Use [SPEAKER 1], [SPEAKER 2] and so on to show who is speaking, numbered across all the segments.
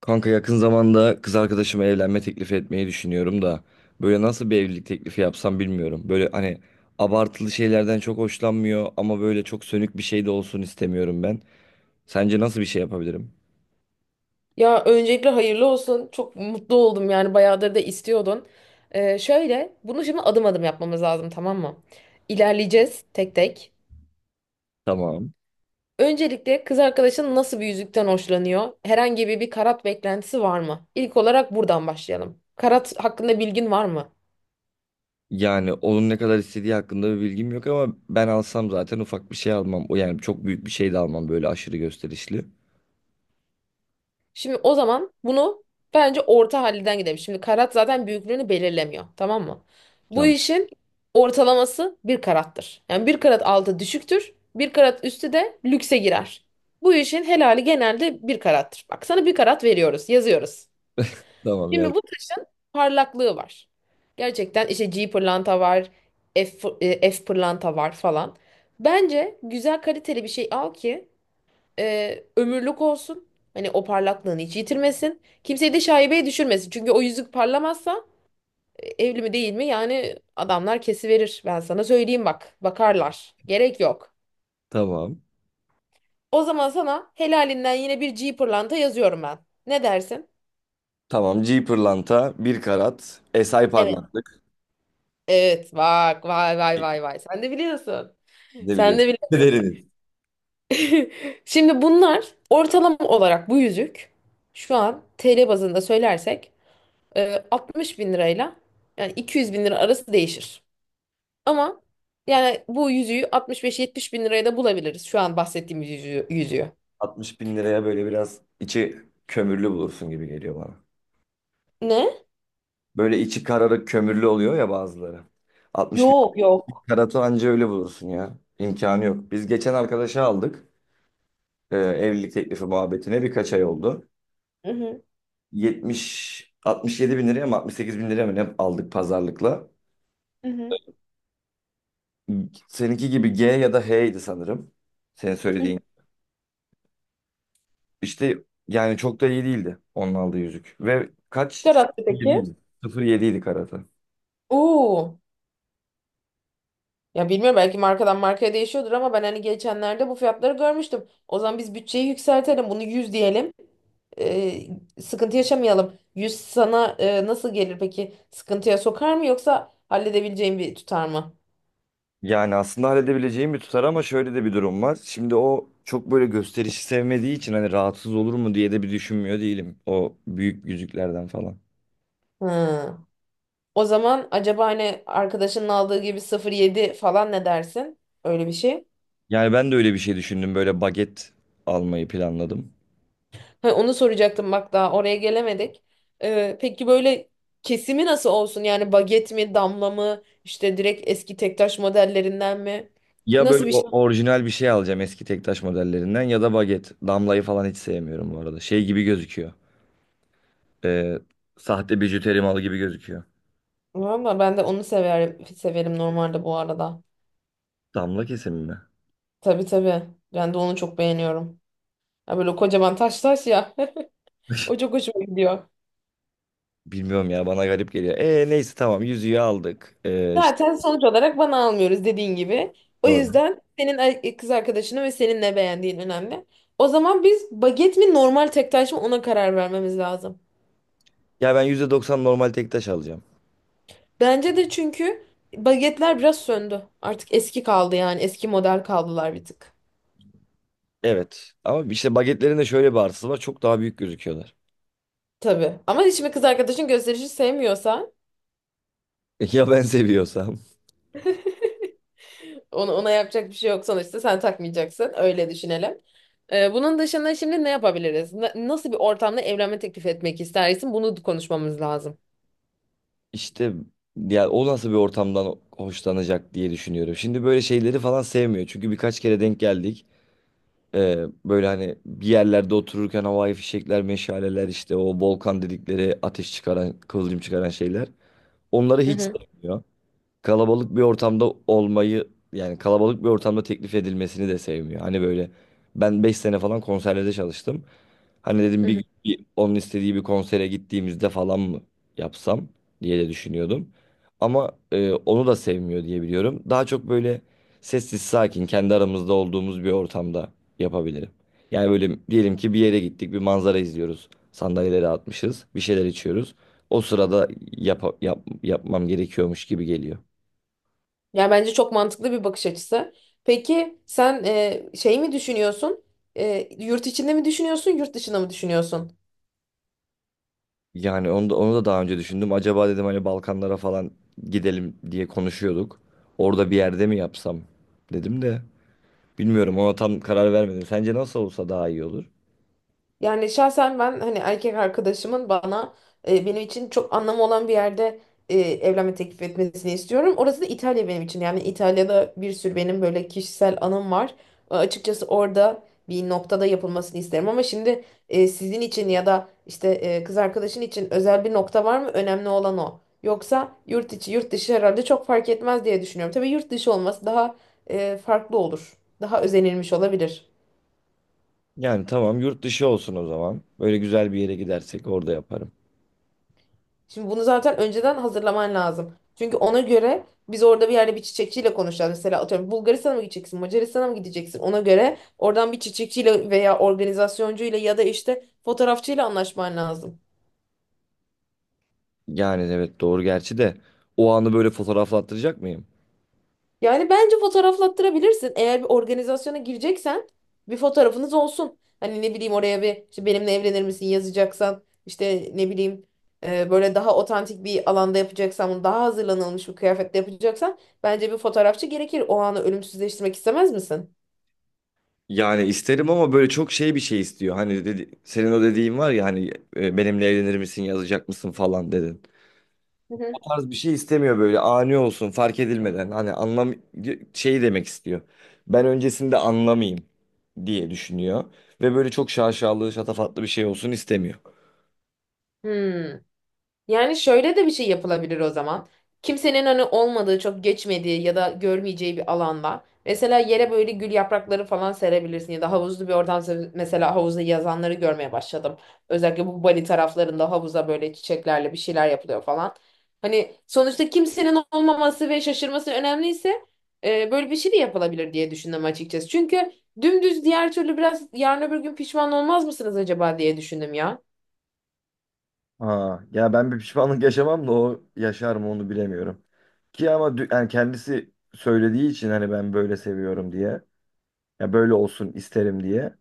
[SPEAKER 1] Kanka yakın zamanda kız arkadaşıma evlenme teklifi etmeyi düşünüyorum da böyle nasıl bir evlilik teklifi yapsam bilmiyorum. Böyle hani abartılı şeylerden çok hoşlanmıyor ama böyle çok sönük bir şey de olsun istemiyorum ben. Sence nasıl bir şey yapabilirim?
[SPEAKER 2] Ya öncelikle hayırlı olsun. Çok mutlu oldum yani bayağıdır da istiyordun. Şöyle bunu şimdi adım adım yapmamız lazım, tamam mı? İlerleyeceğiz tek tek.
[SPEAKER 1] Tamam.
[SPEAKER 2] Öncelikle kız arkadaşın nasıl bir yüzükten hoşlanıyor? Herhangi bir karat beklentisi var mı? İlk olarak buradan başlayalım. Karat hakkında bilgin var mı?
[SPEAKER 1] Yani onun ne kadar istediği hakkında bir bilgim yok ama ben alsam zaten ufak bir şey almam. O yani çok büyük bir şey de almam, böyle aşırı gösterişli.
[SPEAKER 2] Şimdi o zaman bunu bence orta halinden gidelim. Şimdi karat zaten büyüklüğünü belirlemiyor, tamam mı? Bu
[SPEAKER 1] Tamam.
[SPEAKER 2] işin ortalaması bir karattır. Yani bir karat altı düşüktür, bir karat üstü de lükse girer. Bu işin helali genelde bir karattır. Bak, sana bir karat veriyoruz, yazıyoruz.
[SPEAKER 1] Tamam ya.
[SPEAKER 2] Şimdi bu taşın parlaklığı var. Gerçekten işte G pırlanta var, F pırlanta var falan. Bence güzel kaliteli bir şey al ki ömürlük olsun. Hani o parlaklığını hiç yitirmesin. Kimseyi de şaibeye düşürmesin. Çünkü o yüzük parlamazsa evli mi değil mi yani adamlar kesiverir. Ben sana söyleyeyim bak. Bakarlar. Gerek yok.
[SPEAKER 1] Tamam.
[SPEAKER 2] O zaman sana helalinden yine bir G pırlanta yazıyorum ben. Ne dersin?
[SPEAKER 1] Tamam. G pırlanta 1 karat. SI
[SPEAKER 2] Evet.
[SPEAKER 1] parlaklık.
[SPEAKER 2] Evet, bak vay vay vay vay sen de biliyorsun.
[SPEAKER 1] Ne
[SPEAKER 2] Sen
[SPEAKER 1] biliyorum.
[SPEAKER 2] de bili
[SPEAKER 1] Deriniz.
[SPEAKER 2] Şimdi bunlar ortalama olarak bu yüzük şu an TL bazında söylersek 60 bin lirayla yani 200 bin lira arası değişir. Ama yani bu yüzüğü 65-70 bin liraya da bulabiliriz. Şu an bahsettiğimiz yüzüğü.
[SPEAKER 1] 60 bin liraya böyle biraz içi kömürlü bulursun gibi geliyor bana.
[SPEAKER 2] Ne?
[SPEAKER 1] Böyle içi kararık kömürlü oluyor ya bazıları. 60 bin
[SPEAKER 2] Yok, yok.
[SPEAKER 1] karatı anca öyle bulursun ya. İmkanı yok. Biz geçen arkadaşa aldık. Evlilik teklifi muhabbetine birkaç ay oldu.
[SPEAKER 2] Hı hı.
[SPEAKER 1] 70, 67 bin liraya mı 68 bin liraya mı ne aldık pazarlıkla.
[SPEAKER 2] Hı hı.
[SPEAKER 1] Seninki gibi G ya da H'ydi sanırım. Senin
[SPEAKER 2] Hı hı.
[SPEAKER 1] söylediğin. İşte, yani çok da iyi değildi onun aldığı yüzük. Ve kaç?
[SPEAKER 2] Karattı peki.
[SPEAKER 1] 07'ydi karatı.
[SPEAKER 2] Oo. Ya bilmiyorum, belki markadan markaya değişiyordur ama ben hani geçenlerde bu fiyatları görmüştüm. O zaman biz bütçeyi yükseltelim. Bunu 100 diyelim. Ee, Sıkıntı yaşamayalım. 100 sana nasıl gelir peki? Sıkıntıya sokar mı, yoksa halledebileceğin bir tutar mı?
[SPEAKER 1] Yani aslında halledebileceğim bir tutar ama şöyle de bir durum var. Şimdi o çok böyle gösterişi sevmediği için hani rahatsız olur mu diye de bir düşünmüyor değilim. O büyük yüzüklerden falan.
[SPEAKER 2] Hı. O zaman acaba hani arkadaşının aldığı gibi 0,7 falan, ne dersin? Öyle bir şey.
[SPEAKER 1] Yani ben de öyle bir şey düşündüm. Böyle baget almayı planladım.
[SPEAKER 2] Ha, onu soracaktım, bak daha oraya gelemedik. Peki böyle kesimi nasıl olsun? Yani baget mi, damla mı, işte direkt eski tektaş modellerinden mi?
[SPEAKER 1] Ya böyle
[SPEAKER 2] Nasıl bir şey?
[SPEAKER 1] orijinal bir şey alacağım, eski tektaş modellerinden ya da baget. Damlayı falan hiç sevmiyorum bu arada. Şey gibi gözüküyor. Ee, sahte bijuteri malı gibi gözüküyor.
[SPEAKER 2] Valla ben de onu severim, severim normalde bu arada.
[SPEAKER 1] Damla kesimi mi?
[SPEAKER 2] Tabii, tabii. Ben de onu çok beğeniyorum. Ya böyle kocaman taş taş ya. O çok hoşuma gidiyor.
[SPEAKER 1] Bilmiyorum ya, bana garip geliyor. Neyse, tamam, yüzüğü aldık. İşte
[SPEAKER 2] Zaten sonuç olarak bana almıyoruz dediğin gibi. O yüzden kız arkadaşını ve senin ne beğendiğin önemli. O zaman biz baget mi, normal tek taş mı, ona karar vermemiz lazım.
[SPEAKER 1] Ya ben %90 normal tek taş alacağım.
[SPEAKER 2] Bence de, çünkü bagetler biraz söndü. Artık eski kaldı, yani eski model kaldılar bir tık.
[SPEAKER 1] Evet. Ama işte bagetlerin de şöyle bir artısı var. Çok daha büyük gözüküyorlar.
[SPEAKER 2] Tabii. Ama şimdi kız arkadaşın gösterişi sevmiyorsa
[SPEAKER 1] Ya ben seviyorsam?
[SPEAKER 2] ona yapacak bir şey yok, sonuçta sen takmayacaksın. Öyle düşünelim. Bunun dışında şimdi ne yapabiliriz? Nasıl bir ortamda evlenme teklif etmek istersin? Bunu konuşmamız lazım.
[SPEAKER 1] İşte, ya o nasıl bir ortamdan hoşlanacak diye düşünüyorum. Şimdi böyle şeyleri falan sevmiyor. Çünkü birkaç kere denk geldik. Ee, böyle hani bir yerlerde otururken havai fişekler, meşaleler, işte o volkan dedikleri ateş çıkaran, kıvılcım çıkaran şeyler. Onları
[SPEAKER 2] Hı
[SPEAKER 1] hiç
[SPEAKER 2] hı,
[SPEAKER 1] sevmiyor. Kalabalık bir ortamda olmayı, yani kalabalık bir ortamda teklif edilmesini de sevmiyor. Hani böyle ben 5 sene falan konserlerde çalıştım. Hani dedim
[SPEAKER 2] hı
[SPEAKER 1] bir
[SPEAKER 2] hı.
[SPEAKER 1] gün bir onun istediği bir konsere gittiğimizde falan mı yapsam diye de düşünüyordum. Ama onu da sevmiyor diye biliyorum. Daha çok böyle sessiz sakin kendi aramızda olduğumuz bir ortamda yapabilirim. Yani böyle diyelim ki bir yere gittik, bir manzara izliyoruz. Sandalyeleri atmışız, bir şeyler içiyoruz. O sırada yapmam gerekiyormuş gibi geliyor.
[SPEAKER 2] Yani bence çok mantıklı bir bakış açısı. Peki sen şey mi düşünüyorsun? Yurt içinde mi düşünüyorsun, yurt dışında mı düşünüyorsun?
[SPEAKER 1] Yani onu da daha önce düşündüm. Acaba dedim hani Balkanlara falan gidelim diye konuşuyorduk. Orada bir yerde mi yapsam dedim de bilmiyorum, ona tam karar vermedim. Sence nasıl olsa daha iyi olur?
[SPEAKER 2] Yani şahsen ben hani erkek arkadaşımın bana benim için çok anlamı olan bir yerde evlenme teklif etmesini istiyorum. Orası da İtalya benim için. Yani İtalya'da bir sürü benim böyle kişisel anım var. Açıkçası orada bir noktada yapılmasını isterim ama şimdi sizin için ya da işte kız arkadaşın için özel bir nokta var mı? Önemli olan o. Yoksa yurt içi yurt dışı herhalde çok fark etmez diye düşünüyorum. Tabii yurt dışı olması daha farklı olur. Daha özenilmiş olabilir.
[SPEAKER 1] Yani tamam, yurt dışı olsun o zaman. Böyle güzel bir yere gidersek orada yaparım.
[SPEAKER 2] Şimdi bunu zaten önceden hazırlaman lazım. Çünkü ona göre biz orada bir yerde bir çiçekçiyle konuşacağız. Mesela atıyorum, Bulgaristan'a mı gideceksin, Macaristan'a mı gideceksin? Ona göre oradan bir çiçekçiyle veya organizasyoncu ile ya da işte fotoğrafçıyla anlaşman lazım.
[SPEAKER 1] Yani evet, doğru, gerçi de o anı böyle fotoğraflattıracak mıyım?
[SPEAKER 2] Yani bence fotoğraflattırabilirsin. Eğer bir organizasyona gireceksen bir fotoğrafınız olsun. Hani ne bileyim, oraya bir işte benimle evlenir misin yazacaksan, işte ne bileyim böyle daha otantik bir alanda yapacaksan, bunu daha hazırlanılmış bir kıyafetle yapacaksan bence bir fotoğrafçı gerekir. O anı ölümsüzleştirmek istemez misin?
[SPEAKER 1] Yani isterim ama böyle çok şey, bir şey istiyor. Hani dedi, senin o dediğin var ya hani, benimle evlenir misin yazacak mısın falan dedin.
[SPEAKER 2] Hı hı.
[SPEAKER 1] Tarz bir şey istemiyor, böyle ani olsun, fark edilmeden. Hani anlam, şey demek istiyor. Ben öncesinde anlamayayım diye düşünüyor. Ve böyle çok şaşalı, şatafatlı bir şey olsun istemiyor.
[SPEAKER 2] Hmm. Yani şöyle de bir şey yapılabilir o zaman. Kimsenin hani olmadığı, çok geçmediği ya da görmeyeceği bir alanda. Mesela yere böyle gül yaprakları falan serebilirsin ya da havuzlu bir mesela havuzda yazanları görmeye başladım. Özellikle bu Bali taraflarında havuza böyle çiçeklerle bir şeyler yapılıyor falan. Hani sonuçta kimsenin olmaması ve şaşırması önemliyse böyle bir şey de yapılabilir diye düşündüm açıkçası. Çünkü dümdüz diğer türlü biraz yarın öbür gün pişman olmaz mısınız acaba diye düşündüm ya.
[SPEAKER 1] Ha, ya ben bir pişmanlık yaşamam da o yaşar mı onu bilemiyorum. Ki ama yani kendisi söylediği için, hani ben böyle seviyorum diye. Ya böyle olsun isterim diye.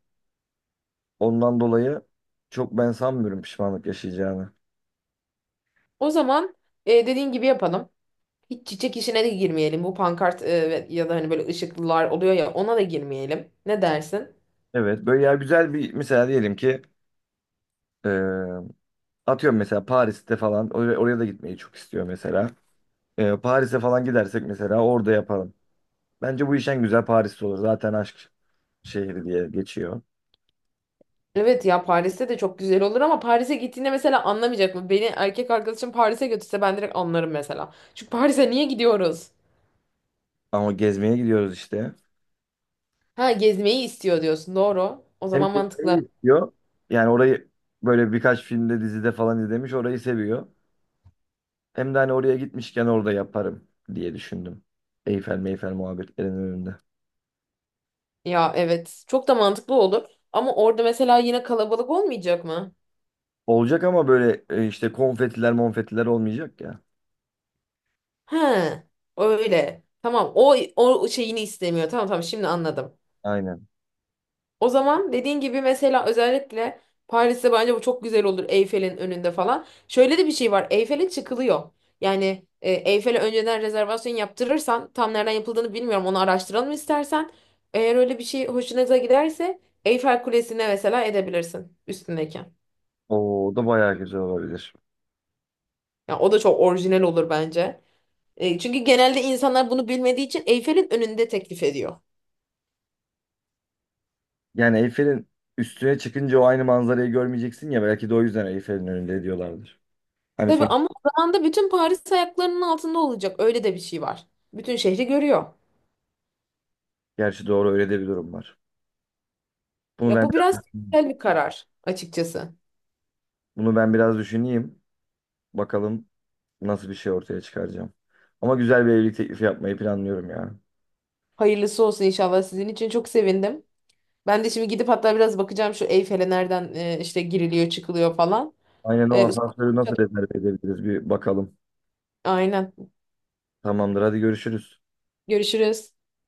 [SPEAKER 1] Ondan dolayı çok ben sanmıyorum pişmanlık yaşayacağını.
[SPEAKER 2] O zaman dediğin gibi yapalım. Hiç çiçek işine de girmeyelim. Bu pankart ya da hani böyle ışıklılar oluyor ya, ona da girmeyelim. Ne dersin?
[SPEAKER 1] Evet böyle ya, güzel bir, mesela diyelim ki atıyorum mesela Paris'te falan, oraya da gitmeyi çok istiyor mesela. Paris'e falan gidersek mesela orada yapalım. Bence bu iş en güzel Paris'te olur. Zaten aşk şehri diye geçiyor.
[SPEAKER 2] Evet, ya Paris'te de çok güzel olur ama Paris'e gittiğinde mesela anlamayacak mı? Beni erkek arkadaşım Paris'e götürse ben direkt anlarım mesela. Çünkü Paris'e niye gidiyoruz?
[SPEAKER 1] Ama gezmeye gidiyoruz işte.
[SPEAKER 2] Ha, gezmeyi istiyor diyorsun. Doğru. O
[SPEAKER 1] Hem
[SPEAKER 2] zaman
[SPEAKER 1] gezmeyi
[SPEAKER 2] mantıklı.
[SPEAKER 1] istiyor. Yani orayı böyle birkaç filmde, dizide falan izlemiş, orayı seviyor. Hem de hani oraya gitmişken orada yaparım diye düşündüm. Eyfel meyfel muhabbetlerinin önünde.
[SPEAKER 2] Ya evet, çok da mantıklı olur ama orada mesela yine kalabalık olmayacak mı?
[SPEAKER 1] Olacak ama böyle, işte, konfetiler monfetiler olmayacak ya.
[SPEAKER 2] He, öyle tamam, o şeyini istemiyor, tamam tamam, şimdi anladım.
[SPEAKER 1] Aynen.
[SPEAKER 2] O zaman dediğin gibi mesela özellikle Paris'te bence bu çok güzel olur, Eyfel'in önünde falan. Şöyle de bir şey var, Eyfel'e çıkılıyor. Yani Eyfel'e önceden rezervasyon yaptırırsan, tam nereden yapıldığını bilmiyorum, onu araştıralım istersen. Eğer öyle bir şey hoşunuza giderse Eyfel Kulesi'ne mesela edebilirsin üstündeyken.
[SPEAKER 1] O da bayağı güzel olabilir.
[SPEAKER 2] Ya o da çok orijinal olur bence. Çünkü genelde insanlar bunu bilmediği için Eyfel'in önünde teklif ediyor.
[SPEAKER 1] Yani Eyfel'in üstüne çıkınca o aynı manzarayı görmeyeceksin ya, belki de o yüzden Eyfel'in önünde diyorlardır. Hani
[SPEAKER 2] Tabii
[SPEAKER 1] son.
[SPEAKER 2] ama o zaman da bütün Paris ayaklarının altında olacak. Öyle de bir şey var. Bütün şehri görüyor.
[SPEAKER 1] Gerçi doğru, öyle de bir durum var. Bunu
[SPEAKER 2] Ya
[SPEAKER 1] ben
[SPEAKER 2] bu biraz güzel bir karar açıkçası.
[SPEAKER 1] bunu ben biraz düşüneyim. Bakalım nasıl bir şey ortaya çıkaracağım. Ama güzel bir evlilik teklifi yapmayı planlıyorum ya.
[SPEAKER 2] Hayırlısı olsun, inşallah. Sizin için çok sevindim. Ben de şimdi gidip hatta biraz bakacağım şu Eyfel'e nereden işte giriliyor çıkılıyor falan.
[SPEAKER 1] Aynen, o
[SPEAKER 2] E,
[SPEAKER 1] asansörü nasıl rezerve edebiliriz bir bakalım.
[SPEAKER 2] aynen.
[SPEAKER 1] Tamamdır, hadi görüşürüz.
[SPEAKER 2] Görüşürüz.